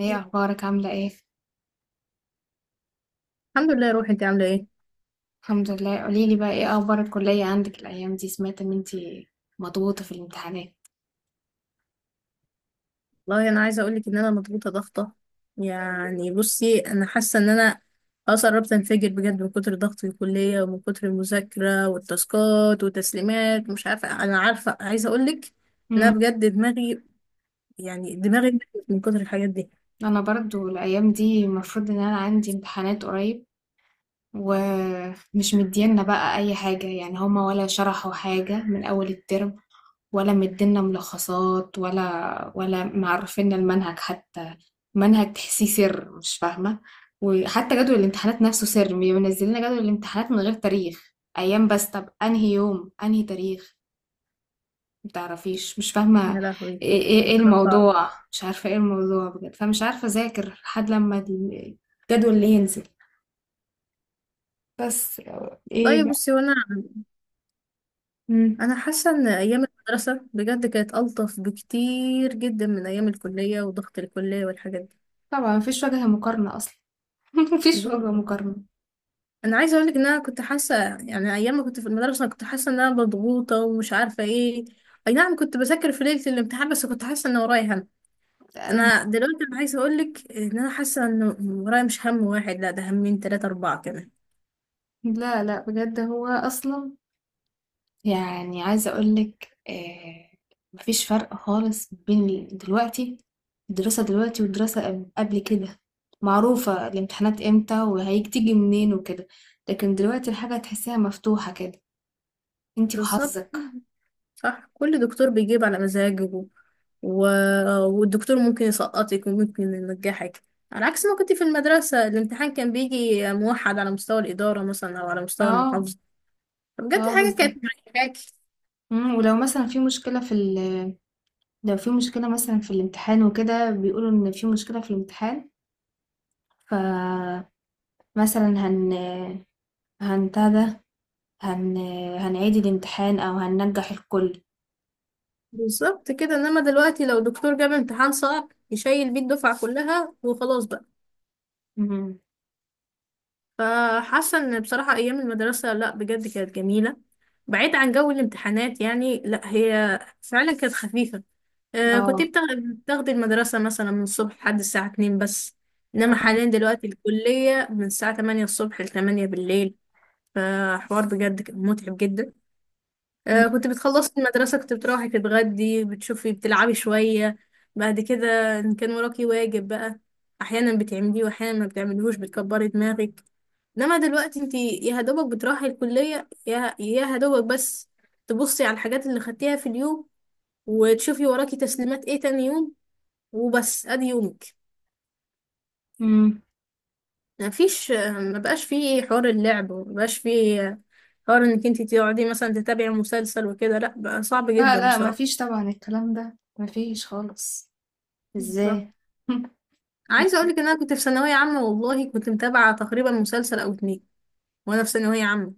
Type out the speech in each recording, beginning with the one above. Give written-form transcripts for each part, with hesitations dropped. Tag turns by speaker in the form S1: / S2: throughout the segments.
S1: ايه اخبارك؟ عامله ايه؟
S2: الحمد لله يا روحي، انت عامله ايه؟
S1: الحمد لله. قوليلي بقى ايه اخبار الكليه عندك الايام دي؟ سمعت ان انتي مضغوطه في الامتحانات.
S2: والله انا عايزه اقول لك ان انا مضغوطه ضغطه، يعني بصي انا حاسه ان انا خلاص قربت انفجر بجد من كتر ضغط الكليه ومن كتر المذاكره والتاسكات والتسليمات. مش عارفه، انا عارفه عايزه اقول لك ان
S1: امم
S2: انا بجد دماغي، يعني دماغي اتنفخت من كتر الحاجات دي.
S1: انا برضو الايام دي المفروض ان انا عندي امتحانات قريب، ومش مدينا بقى اي حاجه، يعني هما ولا شرحوا حاجه من اول الترم، ولا مدينا ملخصات ولا معرفينا المنهج حتى. منهج تحسيه سر، مش فاهمة. وحتى جدول الامتحانات نفسه سر، بينزل لنا جدول الامتحانات من غير تاريخ، أيام بس. طب أنهي يوم أنهي تاريخ؟ متعرفيش، مش فاهمة
S2: يا لهوي،
S1: ايه ايه إيه
S2: حاجة صعبة.
S1: الموضوع. مش عارفة ايه الموضوع بجد، فمش عارفة أذاكر لحد لما الجدول اللي ينزل بس. ايه
S2: طيب
S1: بقى؟
S2: بصي، وانا
S1: مم.
S2: انا حاسه ان ايام المدرسه بجد كانت الطف بكتير جدا من ايام الكليه وضغط الكليه والحاجات دي.
S1: طبعا مفيش وجه مقارنة أصلا. مفيش وجه مقارنة.
S2: انا عايزه اقول لك ان انا كنت حاسه، يعني ايام ما كنت في المدرسه انا كنت حاسه ان انا مضغوطه ومش عارفه ايه. اي نعم، كنت بذاكر في ليله الامتحان بس كنت حاسه ان ورايا هم. انا دلوقتي انا عايزه اقول لك ان انا حاسه ان ورايا مش هم واحد، لا ده همين ثلاثه اربعه كمان.
S1: لا بجد هو اصلا، يعني عايزه اقول لك آه، مفيش فرق خالص بين دلوقتي، الدراسه دلوقتي والدراسه قبل كده. معروفه الامتحانات امتى وهتيجي منين وكده، لكن دلوقتي الحاجه تحسيها مفتوحه كده، انتي
S2: بالظبط،
S1: وحظك.
S2: صح، كل دكتور بيجيب على مزاجه، و... والدكتور ممكن يسقطك وممكن ينجحك، على عكس ما كنت في المدرسه الامتحان كان بيجي موحد على مستوى الاداره مثلا او على مستوى
S1: اه،
S2: المحافظه. بجد
S1: اه
S2: حاجه
S1: بالظبط.
S2: كانت مريحاكي.
S1: مم، ولو مثلا في مشكله في لو في مشكله مثلا في الامتحان وكده، بيقولوا ان في مشكله في الامتحان، فمثلا هن هنتهدى، هن هنعيد الامتحان أو هننجح الكل.
S2: بالظبط كده، انما دلوقتي لو دكتور جاب امتحان صعب يشيل بيه الدفعة كلها وخلاص بقى.
S1: مهم.
S2: فحاسة ان بصراحة ايام المدرسة، لا بجد كانت جميلة، بعيد عن جو الامتحانات يعني، لا هي فعلا كانت خفيفة. آه، كنت
S1: اه.
S2: بتاخ- بتاخدي المدرسة مثلا من الصبح لحد الساعة 2 بس، انما
S1: اه.
S2: حاليا دلوقتي الكلية من الساعة 8 الصبح ل 8 بالليل. فحوار بجد كان متعب جدا.
S1: مم.
S2: كنت بتخلصي المدرسة كنت بتروحي تتغدي، بتشوفي بتلعبي شوية. بعد كده إن كان وراكي واجب بقى، أحيانا بتعمليه وأحيانا ما بتعمليهوش بتكبري دماغك. إنما دلوقتي انتي يا هدوبك بتروحي الكلية، يا هدوبك بس، تبصي على الحاجات اللي خدتيها في اليوم وتشوفي وراكي تسليمات ايه تاني يوم، وبس أدي يومك.
S1: مم.
S2: مفيش مبقاش فيه حوار اللعب، ومبقاش فيه حوار إنك انتي تقعدي مثلا تتابعي مسلسل وكده، لأ بقى صعب
S1: لا
S2: جدا
S1: لا
S2: بصراحة.
S1: مفيش طبعا، الكلام ده مفيش خالص.
S2: بالظبط.
S1: ازاي؟
S2: عايزه اقول لك ان انا كنت في ثانويه عامه والله كنت متابعه تقريبا مسلسل او اتنين، وانا في ثانويه عامه.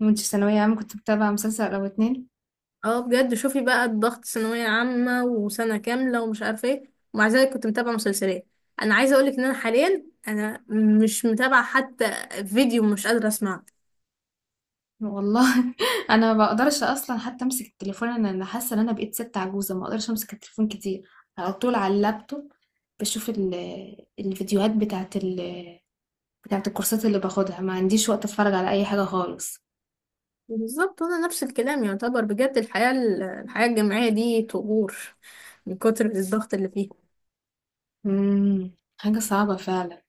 S1: كنت في ثانوية عامة كنت بتابع مسلسل أو اتنين؟
S2: اه بجد، شوفي بقى الضغط، ثانويه عامه وسنه كامله ومش عارفه ايه، ومع ذلك كنت متابعه مسلسلات. انا عايزه اقول لك ان انا حاليا انا مش متابعه حتى فيديو، مش قادره اسمعه.
S1: والله أنا ما بقدرش أصلا حتى أمسك التليفون. أنا حاسة إن أنا بقيت ست عجوزة، ما بقدرش أمسك التليفون كتير، على طول على اللابتوب بشوف الفيديوهات بتاعت الكورسات اللي باخدها. ما عنديش وقت أتفرج على أي حاجة خالص.
S2: بالظبط، وانا نفس الكلام. يعتبر بجد الحياه، الحياه الجامعيه دي طغور من كتر الضغط اللي فيها.
S1: امم حاجة صعبة فعلا.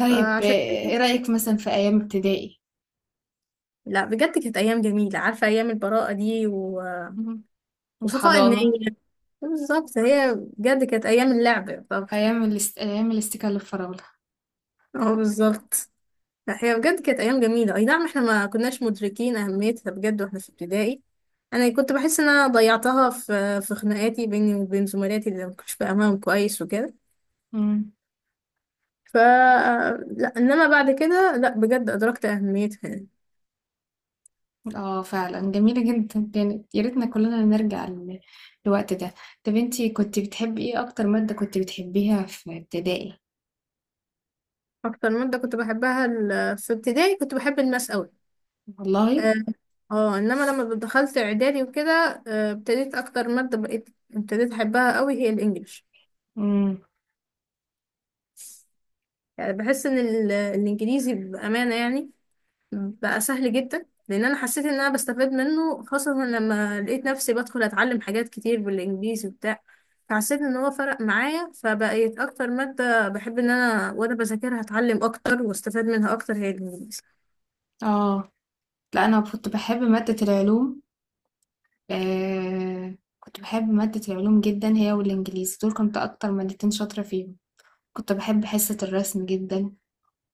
S1: طيب آه،
S2: فعشان كده-
S1: ايه رأيك مثلا في أيام ابتدائي؟
S2: لا بجد كانت ايام جميله، عارفه ايام البراءه دي
S1: مم.
S2: وصفاء
S1: الحضانة.
S2: النية. بالظبط، هي بجد كانت ايام اللعب. طب
S1: أيام الاستيكة الفراولة.
S2: اه بالظبط، هي بجد كانت ايام جميله، اي نعم احنا ما كناش مدركين اهميتها بجد واحنا في ابتدائي. انا كنت بحس ان انا ضيعتها في خناقاتي بيني وبين زملاتي اللي ما كنتش فاهماهم كويس وكده.
S1: مم.
S2: ف لا انما بعد كده، لا بجد ادركت اهميتها يعني.
S1: اه فعلا جميلة جدا كانت، يا ريتنا كلنا نرجع للوقت ده. طب انتي كنت بتحبي ايه؟ أكتر مادة كنت بتحبيها في ابتدائي؟
S2: اكتر ماده كنت بحبها في ابتدائي كنت بحب الماس قوي.
S1: والله.
S2: اه، انما لما دخلت اعدادي وكده ابتديت اكتر ماده، بقيت ابتديت احبها قوي هي الانجليش.
S1: مم.
S2: يعني بحس ان الانجليزي بامانه، يعني بقى سهل جدا، لان انا حسيت ان انا بستفاد منه، خاصه لما لقيت نفسي بدخل اتعلم حاجات كتير بالانجليزي وبتاع. فحسيت ان هو فرق معايا، فبقيت اكتر ماده بحب ان انا وانا بذاكرها اتعلم اكتر واستفاد منها اكتر هي الانجليزي.
S1: اه. لا أنا كنت بحب مادة العلوم. آه. كنت بحب مادة العلوم جدا، هي والإنجليزي دول كنت أكتر مادتين شاطرة فيهم. كنت باحب حصة الرسم جدًا،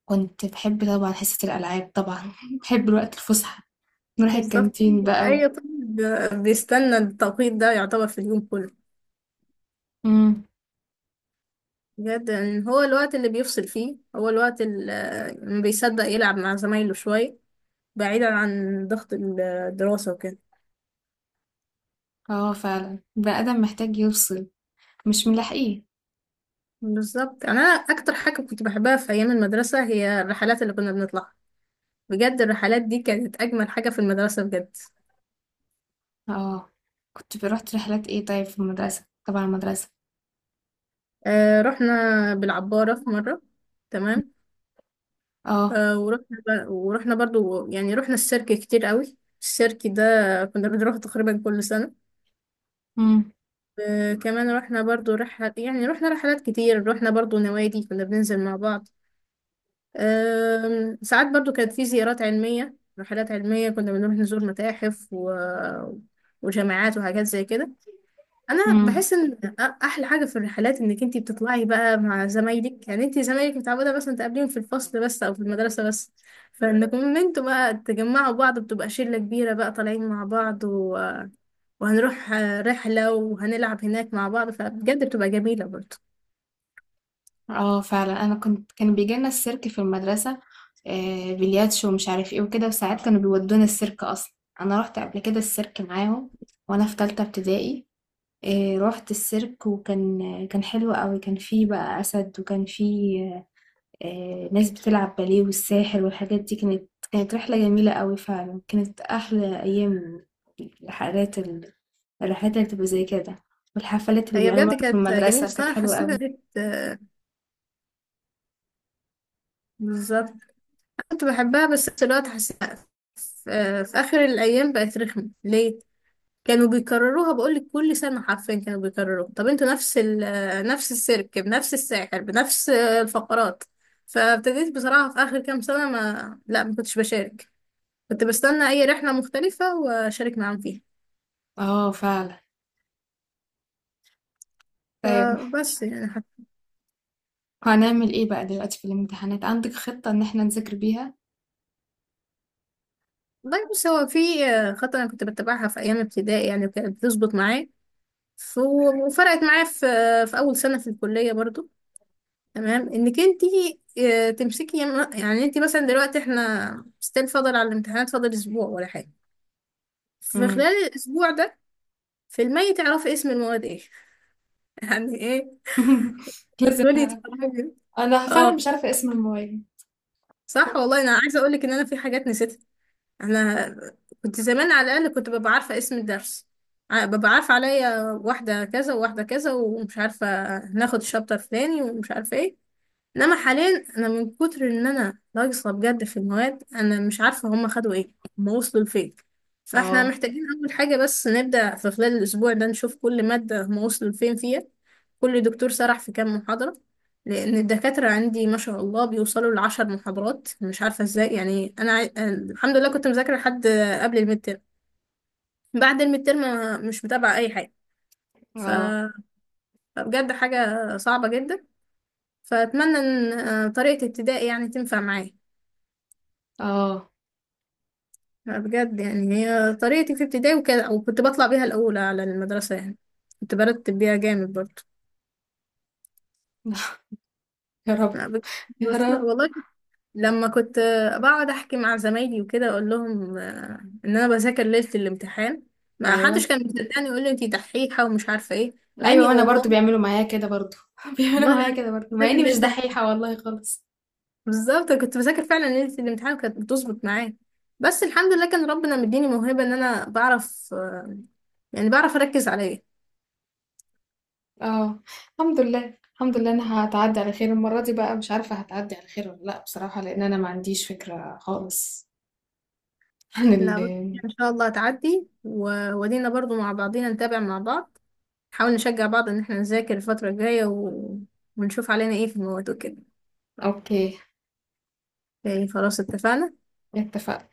S1: كنت باحب طبعًا حصة الألعاب طبعًا، باحب الوقت الفُسحة، نروح
S2: بالظبط،
S1: الكانتين بقى و
S2: اي طالب بيستنى التوقيت ده، يعتبر في اليوم كله
S1: إمم،
S2: بجد، يعني هو الوقت اللي بيفصل فيه، هو الوقت اللي ما بيصدق يلعب مع زمايله شويه بعيدا عن ضغط الدراسة وكده.
S1: آه فعلًا، البني آدم محتاج يفصل، مش ملاحقيه.
S2: بالظبط يعني، أنا أكتر حاجة كنت بحبها في أيام المدرسة هي الرحلات اللي كنا بنطلعها. بجد الرحلات دي كانت أجمل حاجة في المدرسة بجد.
S1: آه، كنت ب رُحت رحلات إيه طيب في المدرسة، تبع المدرسة؟
S2: آه، رحنا بالعبارة في مرة،
S1: إمم.
S2: تمام.
S1: آه.
S2: آه ورحنا ورحنا برضو، يعني رحنا السيرك كتير قوي. السيرك ده كنا بنروح تقريبا كل سنة.
S1: إمم.
S2: آه كمان رحنا برضو رحلة، يعني رحنا رحلات كتير، رحنا برضو نوادي كنا بننزل مع بعض. ساعات برضو كانت في زيارات علمية، رحلات علمية كنا بنروح نزور متاحف وجامعات وحاجات زي كده. انا
S1: إمم.
S2: بحس ان احلى حاجة في الرحلات انك انتي بتطلعي بقى مع زمايلك، يعني انتي زمايلك متعودة مثلا تقابليهم في الفصل بس او في المدرسة بس، فانكم ان انتوا بقى تجمعوا بعض، بتبقى شلة كبيرة بقى طالعين مع بعض وهنروح رحلة وهنلعب هناك مع بعض، فبجد بتبقى جميلة برضو.
S1: آه فعلًا، أنا كنت كان بييجي لنا السيرك في المدرسة، بلياتشو ومش عارف إيه وكده، وساعات كانوا بيودونا السيرك أصلًا. أنا رُحت قبل كده السيرك معاهم وأنا في تالتة ابتدائي. إيه، رحت السيرك وكان كان حلو قوي، كان فيه بقى أسد، وكان فيه آه، ناس بتلعب باليه والساحر والحاجات دي. كانت رحلة جميلة قوي فعلا، كانت أحلى أيام الرحلات الرحلات اللي بتبقى زي كده، والحفلات اللي
S2: هي بجد
S1: بيعملوها في
S2: كانت جميلة
S1: المدرسة كانت
S2: الصراحة،
S1: حلوة
S2: حسيتها
S1: قوي.
S2: بالظبط، كنت بحبها. بس دلوقتي حاسة في آخر الأيام بقت رخمة. ليه؟ كانوا بيكرروها، بقولك كل سنة حرفيا كانوا بيكرروها. طب انتوا نفس نفس السيرك بنفس الساحر بنفس الفقرات. فابتديت بصراحة في آخر كام سنة ما لا ما كنتش بشارك، كنت بستنى أي رحلة مختلفة وأشارك معاهم فيها.
S1: اه فعلا. طيب
S2: فبس يعني، حتى.
S1: هنعمل ايه بقى دلوقتي في الامتحانات؟ عندك خطة ان احنا نذاكر بيها؟
S2: والله بص، هو في خطة أنا كنت بتبعها في أيام ابتدائي يعني وكانت بتظبط معايا، ف- وفرقت معايا في في أول سنة في الكلية برضو. تمام، انك انت تمسكي، يعني انت مثلا دلوقتي احنا ستيل فاضل على الامتحانات، فاضل اسبوع ولا حاجه، في
S1: مم.
S2: خلال الاسبوع ده في المية تعرفي اسم المواد ايه؟ يعني ايه؟
S1: لازم
S2: تدخلي
S1: أعرف.
S2: تتفرجي.
S1: انا فعلا
S2: اه
S1: مش عارفة اسم الموبايل.
S2: صح، والله انا عايزه اقول لك ان انا في حاجات نسيتها. انا كنت زمان على الاقل كنت ببقى عارفه اسم الدرس، ببقى عارفه عليا واحده كذا وواحده كذا ومش عارفه، ناخد الشابتر فلاني ومش عارفه ايه. انما حاليا انا من كتر ان انا ناقصه بجد في المواد، انا مش عارفه هم خدوا ايه، هم وصلوا لفين. فاحنا
S1: اه.
S2: محتاجين اول حاجه بس نبدا في خلال الاسبوع ده نشوف كل ماده هم وصلوا لفين فيها، كل دكتور سرح في كام محاضره، لان الدكاتره عندي ما شاء الله بيوصلوا لعشر محاضرات مش عارفه ازاي. يعني انا الحمد لله كنت مذاكره لحد قبل الميد تيرم، بعد الميد تيرم مش متابعه اي حاجه. ف-
S1: اه.
S2: فبجد حاجه صعبه جدا. فاتمنى ان طريقه ابتدائي يعني تنفع معايا.
S1: اه.
S2: لا بجد يعني، هي طريقتي في ابتدائي وكده وكنت بطلع بيها الأولى على المدرسة يعني، كنت برتب بيها جامد برضه.
S1: يا رب.
S2: لا بجد.
S1: يا
S2: بس لا
S1: رب.
S2: والله، لما كنت بقعد أحكي مع زمايلي وكده أقول لهم إن أنا بذاكر ليلة الامتحان، ما
S1: ايوه.
S2: حدش كان مصدقني، يقول لي أنتي دحيحة ومش عارفة إيه. مع
S1: ايوه،
S2: إني
S1: وانا
S2: والله،
S1: برضو بيعملوا معايا كده برضو، بيعملوا
S2: والله أنا
S1: معايا كده برضو مع
S2: بذاكر
S1: اني مش
S2: ليلة.
S1: دحيحه والله خالص.
S2: بالظبط، أنا كنت بذاكر فعلا ليلة الامتحان وكانت بتظبط معايا. بس الحمد لله كان ربنا مديني موهبة إن أنا بعرف، يعني بعرف أركز عليا.
S1: اه. الحمد لله، الحمد لله. انا هتعدي على خير المره دي بقى؟ مش عارفه هتعدي على خير ولا لا بصراحه، لان انا ما عنديش فكره خالص عن ال،
S2: لا بس ان شاء الله هتعدي، وادينا برضو مع بعضينا نتابع مع بعض، نحاول نشجع بعض ان احنا نذاكر الفترة الجاية ونشوف علينا ايه في المواد وكده.
S1: اوكي
S2: إيه، خلاص اتفقنا.
S1: اتفقنا.